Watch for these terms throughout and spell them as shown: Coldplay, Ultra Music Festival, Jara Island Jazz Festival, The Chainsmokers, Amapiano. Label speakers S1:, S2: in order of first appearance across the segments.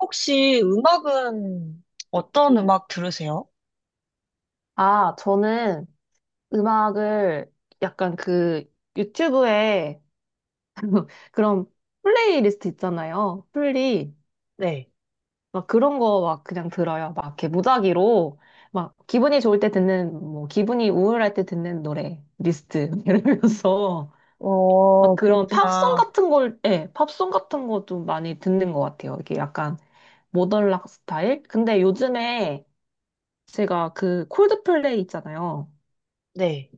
S1: 혹시 음악은 어떤 음악 들으세요?
S2: 아, 저는 음악을 약간 그 유튜브에 그런 플레이리스트 있잖아요. 플리.
S1: 네.
S2: 막 그런 거 막 그냥 들어요. 막 이렇게 무작위로. 막 기분이 좋을 때 듣는, 뭐 기분이 우울할 때 듣는 노래 리스트. 이러면서
S1: 어,
S2: 막 그런 팝송
S1: 그렇구나.
S2: 같은 걸, 예, 팝송 같은 거 좀 많이 듣는 것 같아요. 이게 약간 모던 락 스타일? 근데 요즘에 제가 그 콜드플레이 있잖아요.
S1: 네.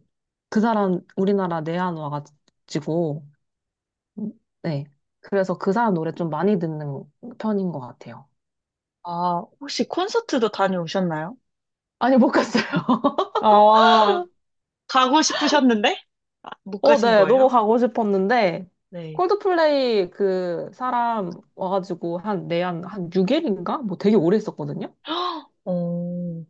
S2: 그 사람 우리나라 내한 와가지고 음, 네. 그래서 그 사람 노래 좀 많이 듣는 편인 것 같아요.
S1: 아, 혹시 콘서트도 다녀오셨나요?
S2: 아니 못 갔어요.
S1: 아, 가고 싶으셨는데? 아, 못
S2: 어,
S1: 가신
S2: 네. 너무
S1: 거예요?
S2: 가고 싶었는데
S1: 네.
S2: 콜드플레이 그 사람 와가지고 한 내한 한 6일인가 뭐 되게 오래 있었거든요.
S1: 헉, 어,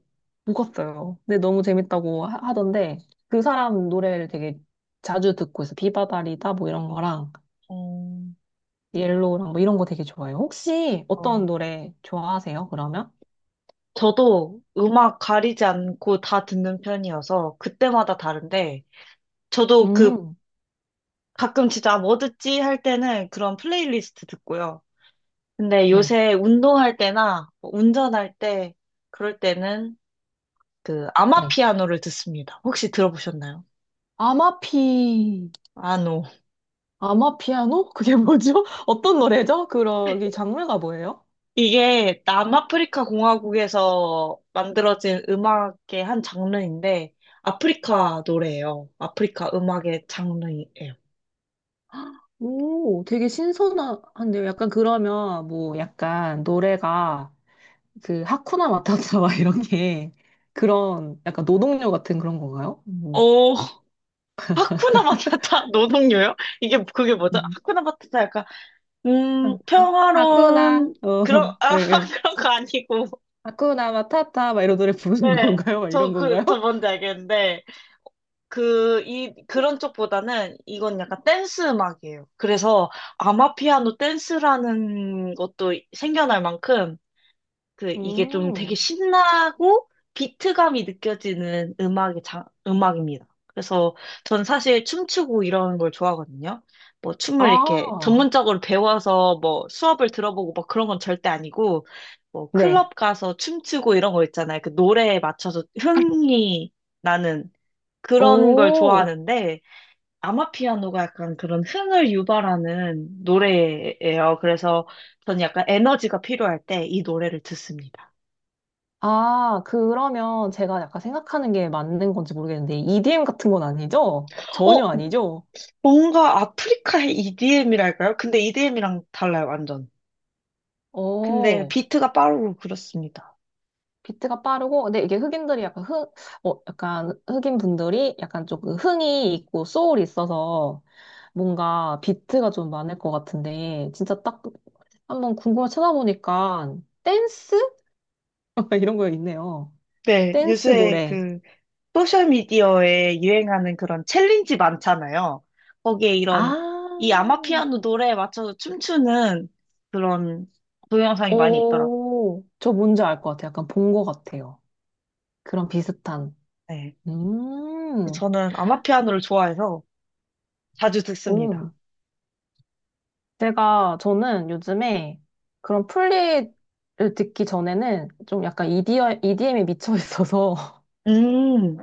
S2: 못 갔어요. 근데 너무 재밌다고 하던데 그 사람 노래를 되게 자주 듣고 있어. 비바다리다 뭐 이런 거랑
S1: 어,
S2: 옐로우랑 뭐 이런 거 되게 좋아해요. 혹시 어떤
S1: 어.
S2: 노래 좋아하세요? 그러면?
S1: 저도 음악 가리지 않고 다 듣는 편이어서 그때마다 다른데, 저도 그
S2: 음.
S1: 가끔 진짜 뭐 듣지 할 때는 그런 플레이리스트 듣고요. 근데
S2: 네.
S1: 요새 운동할 때나 뭐 운전할 때 그럴 때는 그
S2: 네.
S1: 아마피아노를 듣습니다. 혹시 들어보셨나요?
S2: 아마피,
S1: 아노.
S2: 아마피아노? 그게 뭐죠? 어떤 노래죠? 그런, 이 장르가 뭐예요?
S1: 이게 남아프리카 공화국에서 만들어진 음악의 한 장르인데 아프리카 노래예요. 아프리카 음악의 장르예요.
S2: 오, 되게 신선한데요. 약간 그러면 뭐 약간 노래가 그 하쿠나 마타타 막 이런 게 그런 약간 노동요 같은 그런 건가요? 뭐
S1: 어, 하쿠나 마타타 노동요요? 이게 그게 뭐죠?
S2: 음.
S1: 하쿠나 마타타 약간
S2: 아, 아, 하쿠나
S1: 평화로운
S2: 어,
S1: 그런
S2: 예,
S1: 아
S2: 예.
S1: 그런 거 아니고.
S2: 하쿠나 마타타 막 이런 노래 부르는
S1: 네.
S2: 건가요? 막
S1: 저
S2: 이런
S1: 그,
S2: 건가요?
S1: 저 뭔지 알겠는데 그런 쪽보다는 이건 약간 댄스 음악이에요. 그래서 아마피아노 댄스라는 것도 생겨날 만큼 이게 좀 되게
S2: 음,
S1: 신나고 비트감이 느껴지는 음악의 음악입니다. 그래서 전 사실 춤추고 이런 걸 좋아하거든요. 뭐 춤을 이렇게
S2: 아,
S1: 전문적으로 배워서 뭐 수업을 들어보고 막 그런 건 절대 아니고 뭐
S2: 네.
S1: 클럽 가서 춤추고 이런 거 있잖아요. 그 노래에 맞춰서 흥이 나는 그런 걸
S2: 오.
S1: 좋아하는데 아마피아노가 약간 그런 흥을 유발하는 노래예요. 그래서 저는 약간 에너지가 필요할 때 이 노래를 듣습니다.
S2: 아, 그러면 제가 약간 생각하는 게 맞는 건지 모르겠는데, EDM 같은 건 아니죠? 전혀
S1: 어,
S2: 아니죠?
S1: 뭔가 아프리카의 EDM이랄까요? 근데 EDM이랑 달라요, 완전. 근데
S2: 어,
S1: 비트가 빠르고 그렇습니다.
S2: 비트가 빠르고, 근데 이게 흑인들이 약간 흑, 어, 약간 흑인 분들이 약간 좀그 흥이 있고 소울이 있어서 뭔가 비트가 좀 많을 것 같은데, 진짜 딱 한번 궁금해 찾아보니까 댄스? 이런 거 있네요.
S1: 네,
S2: 댄스
S1: 요새
S2: 노래.
S1: 그 소셜미디어에 유행하는 그런 챌린지 많잖아요. 거기에
S2: 아,
S1: 이런 이 아마피아노 노래에 맞춰서 춤추는 그런 동영상이 많이 있더라고요.
S2: 오, 저 뭔지 알 것 같아요. 약간 본 것 같아요. 그런 비슷한.
S1: 네.
S2: 음,
S1: 저는 아마피아노를 좋아해서 자주 듣습니다.
S2: 오. 저는 요즘에 그런 플리를 듣기 전에는 좀 약간 EDM에 미쳐 있어서
S1: 음,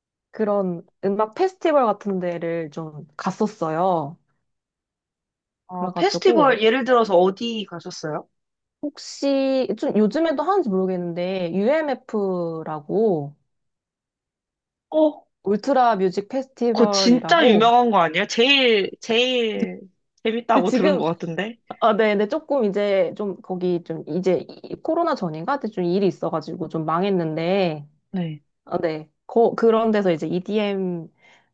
S2: 그런 음악 페스티벌 같은 데를 좀 갔었어요. 그래가지고,
S1: 페스티벌 예를 들어서 어디 가셨어요?
S2: 혹시, 좀 요즘에도 하는지 모르겠는데, UMF라고,
S1: 어,
S2: 울트라 뮤직
S1: 그거 진짜
S2: 페스티벌이라고,
S1: 유명한 거 아니에요? 제일, 제일
S2: 근데
S1: 재밌다고 들은
S2: 지금,
S1: 것 같은데?
S2: 아, 네네, 조금 이제 좀 거기 좀 이제 코로나 전인가? 그때 좀 일이 있어가지고 좀 망했는데,
S1: 네.
S2: 아, 네. 거, 그런 데서 이제 EDM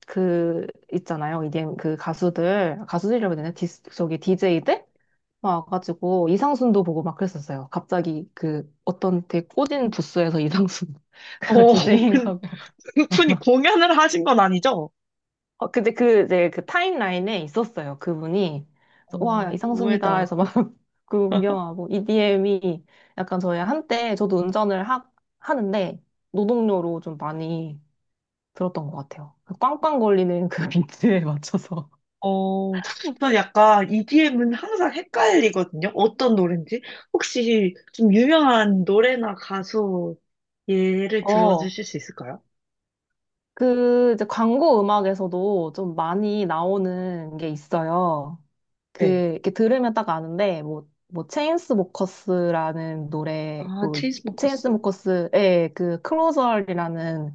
S2: 그 있잖아요. EDM 그 가수들이라고 해야 되나? 디스, 저기 DJ들 막 와가지고 이상순도 보고 막 그랬었어요. 갑자기 그 어떤 되게 꼬진 부스에서 이상순 그
S1: 어, 근,
S2: 디제잉하고
S1: 그분이 공연을 하신 건 아니죠?
S2: 어, 근데 그 이제 그 타임라인에 있었어요. 그분이. 그래서
S1: 어,
S2: 와 이상순이다
S1: 의외다.
S2: 해서 막 그거 구경하고 EDM이 약간 저희 한때 저도 운전을 하는데 노동요로 좀 많이 들었던 것 같아요. 그 꽝꽝 걸리는 그 비트에 맞춰서.
S1: 어, 전 약간 EDM은 항상 헷갈리거든요. 어떤 노래인지. 혹시 좀 유명한 노래나 가수 예를
S2: 어,
S1: 들어주실 수 있을까요?
S2: 그 이제 광고 음악에서도 좀 많이 나오는 게 있어요. 그 이렇게 들으면 딱 아는데 뭐 뭐 체인스모커스라는
S1: 아,
S2: 노래도 있고
S1: 체인스모커스.
S2: 체인스모커스의 그 클로저이라는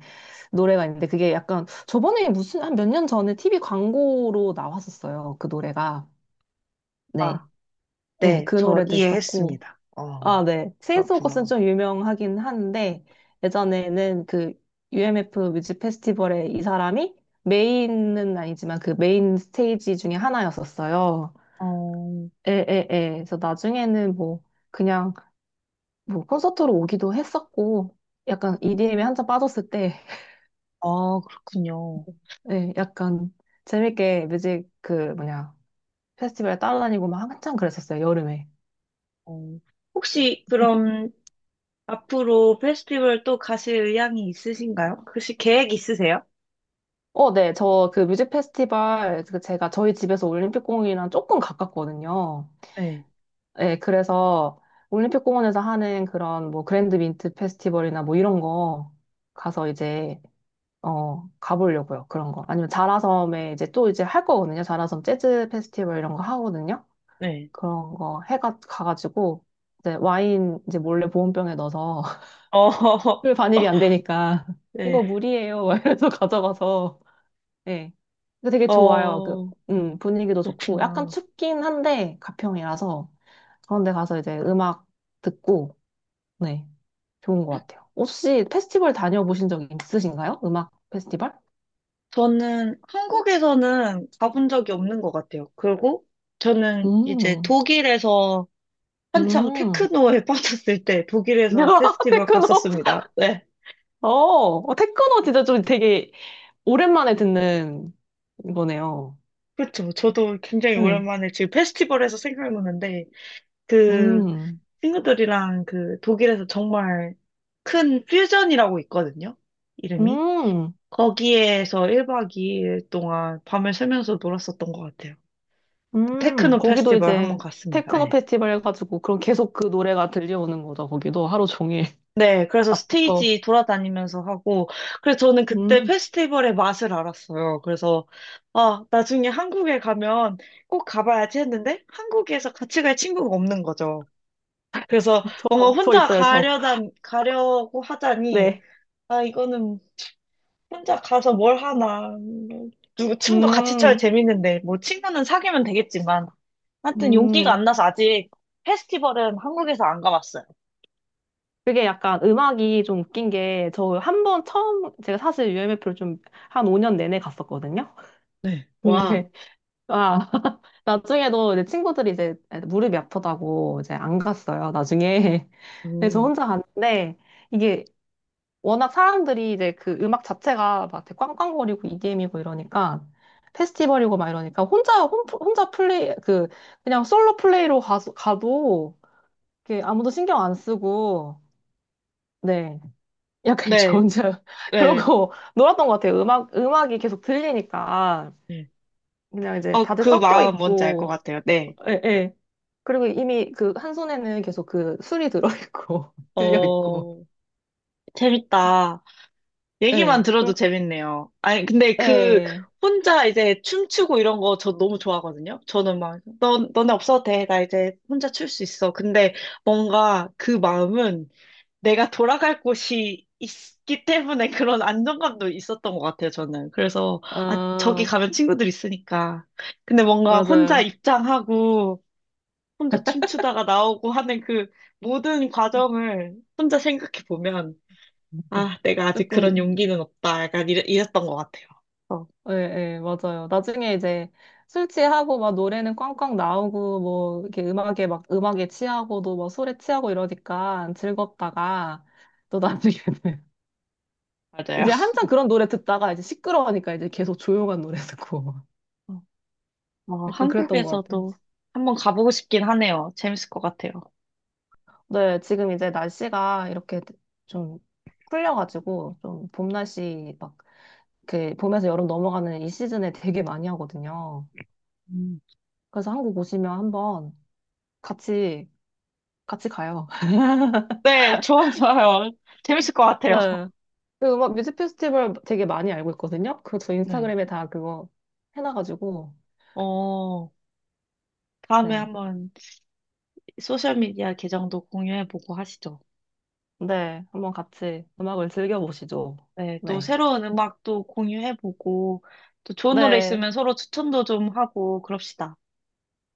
S2: 노래가 있는데 그게 약간 저번에 무슨 한 몇 년 전에 TV 광고로 나왔었어요. 그 노래가. 네.
S1: 아,
S2: 네,
S1: 네,
S2: 그
S1: 저
S2: 노래도 있었고
S1: 이해했습니다.
S2: 아,
S1: 어,
S2: 네. 체인소 커스는
S1: 그렇구나.
S2: 좀 유명하긴 한데, 예전에는 그 UMF 뮤직 페스티벌에 이 사람이 메인은 아니지만 그 메인 스테이지 중에 하나였었어요.
S1: 어,
S2: 에, 에, 에. 그래서 나중에는 뭐 그냥 뭐 콘서트로 오기도 했었고, 약간 EDM에 한참 빠졌을 때,
S1: 아, 그렇군요.
S2: 예, 약간 재밌게 뮤직 그 뭐냐, 페스티벌에 따라다니고 막 한참 그랬었어요, 여름에.
S1: 어, 혹시 그럼 앞으로 페스티벌 또 가실 의향이 있으신가요? 혹시 계획 있으세요?
S2: 어, 네. 저 그 뮤직 페스티벌 그 제가 저희 집에서 올림픽공원이랑 조금 가깝거든요.
S1: 네,
S2: 예, 그래서 올림픽공원에서 하는 그런 뭐 그랜드 민트 페스티벌이나 뭐 이런 거 가서 이제 어 가보려고요. 그런 거. 아니면 자라섬에 이제 또 이제 할 거거든요. 자라섬 재즈 페스티벌 이런 거 하거든요.
S1: 네.
S2: 그런 거 해가 가가지고 이제 와인 이제 몰래 보온병에 넣어서
S1: 어,
S2: 술 반입이 안 되니까
S1: 네.
S2: 이거 물이에요. 막 이래서 가져가서 예. 근데 되게 좋아요. 그
S1: 어,
S2: 분위기도 좋고 약간
S1: 그렇구나.
S2: 춥긴 한데 가평이라서 그런데 가서 이제 음악 듣고 네. 좋은 것 같아요. 혹시 페스티벌 다녀보신 적 있으신가요? 음악 페스티벌?
S1: 저는 한국에서는 가본 적이 없는 것 같아요. 그리고 저는 이제
S2: 음,
S1: 독일에서 한창
S2: 음.
S1: 테크노에 빠졌을 때
S2: 야,
S1: 독일에서 페스티벌
S2: 테크노.
S1: 갔었습니다. 네.
S2: 어, 어, 테크노 진짜 좀 되게 오랜만에 듣는 거네요.
S1: 그렇죠. 저도 굉장히
S2: 응.
S1: 오랜만에 지금 페스티벌에서 생각나는데 그
S2: 음,
S1: 친구들이랑 그 독일에서 정말 큰 퓨전이라고 있거든요. 이름이.
S2: 음,
S1: 거기에서 1박 2일 동안 밤을 새면서 놀았었던 것 같아요. 테크노
S2: 거기도
S1: 페스티벌 한번
S2: 이제
S1: 갔습니다.
S2: 테크노
S1: 네.
S2: 페스티벌 해가지고 그럼 계속 그 노래가 들려오는 거죠. 거기도 하루 종일.
S1: 네, 그래서
S2: 앞부터.
S1: 스테이지 돌아다니면서 하고, 그래서 저는 그때
S2: 음,
S1: 페스티벌의 맛을 알았어요. 그래서, 아, 나중에 한국에 가면 꼭 가봐야지 했는데, 한국에서 같이 갈 친구가 없는 거죠. 그래서 뭔가
S2: 저
S1: 혼자
S2: 있어요, 저.
S1: 가려고 하자니,
S2: 네.
S1: 아, 이거는 혼자 가서 뭘 하나. 누구, 춤도 같이 춰야
S2: 음,
S1: 재밌는데, 뭐 친구는 사귀면 되겠지만, 하여튼 용기가
S2: 음.
S1: 안 나서 아직 페스티벌은 한국에서 안 가봤어요.
S2: 그게 약간 음악이 좀 웃긴 게, 저 한 번 처음, 제가 사실 UMF를 좀 한 5년 내내 갔었거든요?
S1: 네. 와,
S2: 근데, 아, 나중에도 이제 친구들이 이제 무릎이 아프다고 이제 안 갔어요, 나중에. 근데 저
S1: 음,
S2: 혼자 갔는데, 이게 워낙 사람들이 이제 그 음악 자체가 막 되게 꽝꽝거리고 EDM이고 이러니까, 페스티벌이고 막 이러니까, 혼자 플레이, 그, 그냥 솔로 플레이로 가도, 이렇게 아무도 신경 안 쓰고, 네. 약간 저
S1: 네.
S2: 혼자
S1: 네.
S2: 그러고 놀았던 것 같아요. 음악이 계속 들리니까.
S1: 네.
S2: 그냥 이제
S1: 어,
S2: 다들
S1: 그
S2: 섞여
S1: 마음 뭔지 알 것
S2: 있고,
S1: 같아요. 네.
S2: 예, 예. 그리고 이미 그 한 손에는 계속 그 술이 들어있고, 들려있고,
S1: 어, 재밌다. 얘기만
S2: 예,
S1: 들어도
S2: 그렇,
S1: 재밌네요. 아니, 근데
S2: 예,
S1: 혼자 이제 춤추고 이런 거 저 너무 좋아하거든요. 저는 막, 너네 없어도 돼. 나 이제 혼자 출 수 있어. 근데 뭔가 그 마음은 내가 돌아갈 곳이 있기 때문에 그런 안정감도 있었던 것 같아요, 저는. 그래서, 아, 저기
S2: 아,
S1: 가면 친구들 있으니까. 근데 뭔가 혼자
S2: 맞아요.
S1: 입장하고, 혼자 춤추다가 나오고 하는 그 모든 과정을 혼자 생각해 보면, 아, 내가 아직 그런
S2: 조금,
S1: 용기는 없다. 약간 이랬던 것 같아요. 어,
S2: 예, 예, 맞아요. 나중에 이제 술 취하고 막 노래는 꽝꽝 나오고, 뭐, 이렇게 음악에 막, 음악에 취하고도 막 술에 취하고 이러니까 즐겁다가, 또 나중에는
S1: 맞아요.
S2: 이제 한참 그런 노래 듣다가 이제 시끄러우니까 이제 계속 조용한 노래 듣고
S1: 어,
S2: 약간 그랬던 것 같아요.
S1: 한국에서도 한번 가보고 싶긴 하네요. 재밌을 것 같아요.
S2: 네, 지금 이제 날씨가 이렇게 좀 풀려가지고 좀 봄 날씨 막 그 봄에서 여름 넘어가는 이 시즌에 되게 많이 하거든요.
S1: 음.
S2: 그래서 한국 오시면 한번 같이 같이 가요.
S1: 네, 좋아요. 재밌을 것 같아요.
S2: 네. 그 음악 뮤직 페스티벌 되게 많이 알고 있거든요. 그거 저
S1: 네.
S2: 인스타그램에 다 그거 해놔가지고
S1: 어, 다음에
S2: 네.
S1: 한번 소셜미디어 계정도 공유해보고 하시죠.
S2: 네, 한번 같이 음악을 즐겨보시죠.
S1: 네, 또
S2: 네.
S1: 새로운 음악도 공유해보고, 또 좋은 노래
S2: 네.
S1: 있으면 서로 추천도 좀 하고, 그럽시다.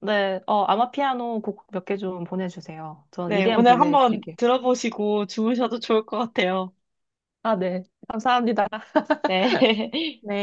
S2: 네, 어, 아마피아노 곡 몇 개 좀 보내주세요. 전
S1: 네,
S2: 이대한
S1: 오늘 한번
S2: 보내드릴게요.
S1: 들어보시고 주무셔도 좋을 것 같아요.
S2: 아, 네. 감사합니다.
S1: 네.
S2: 네.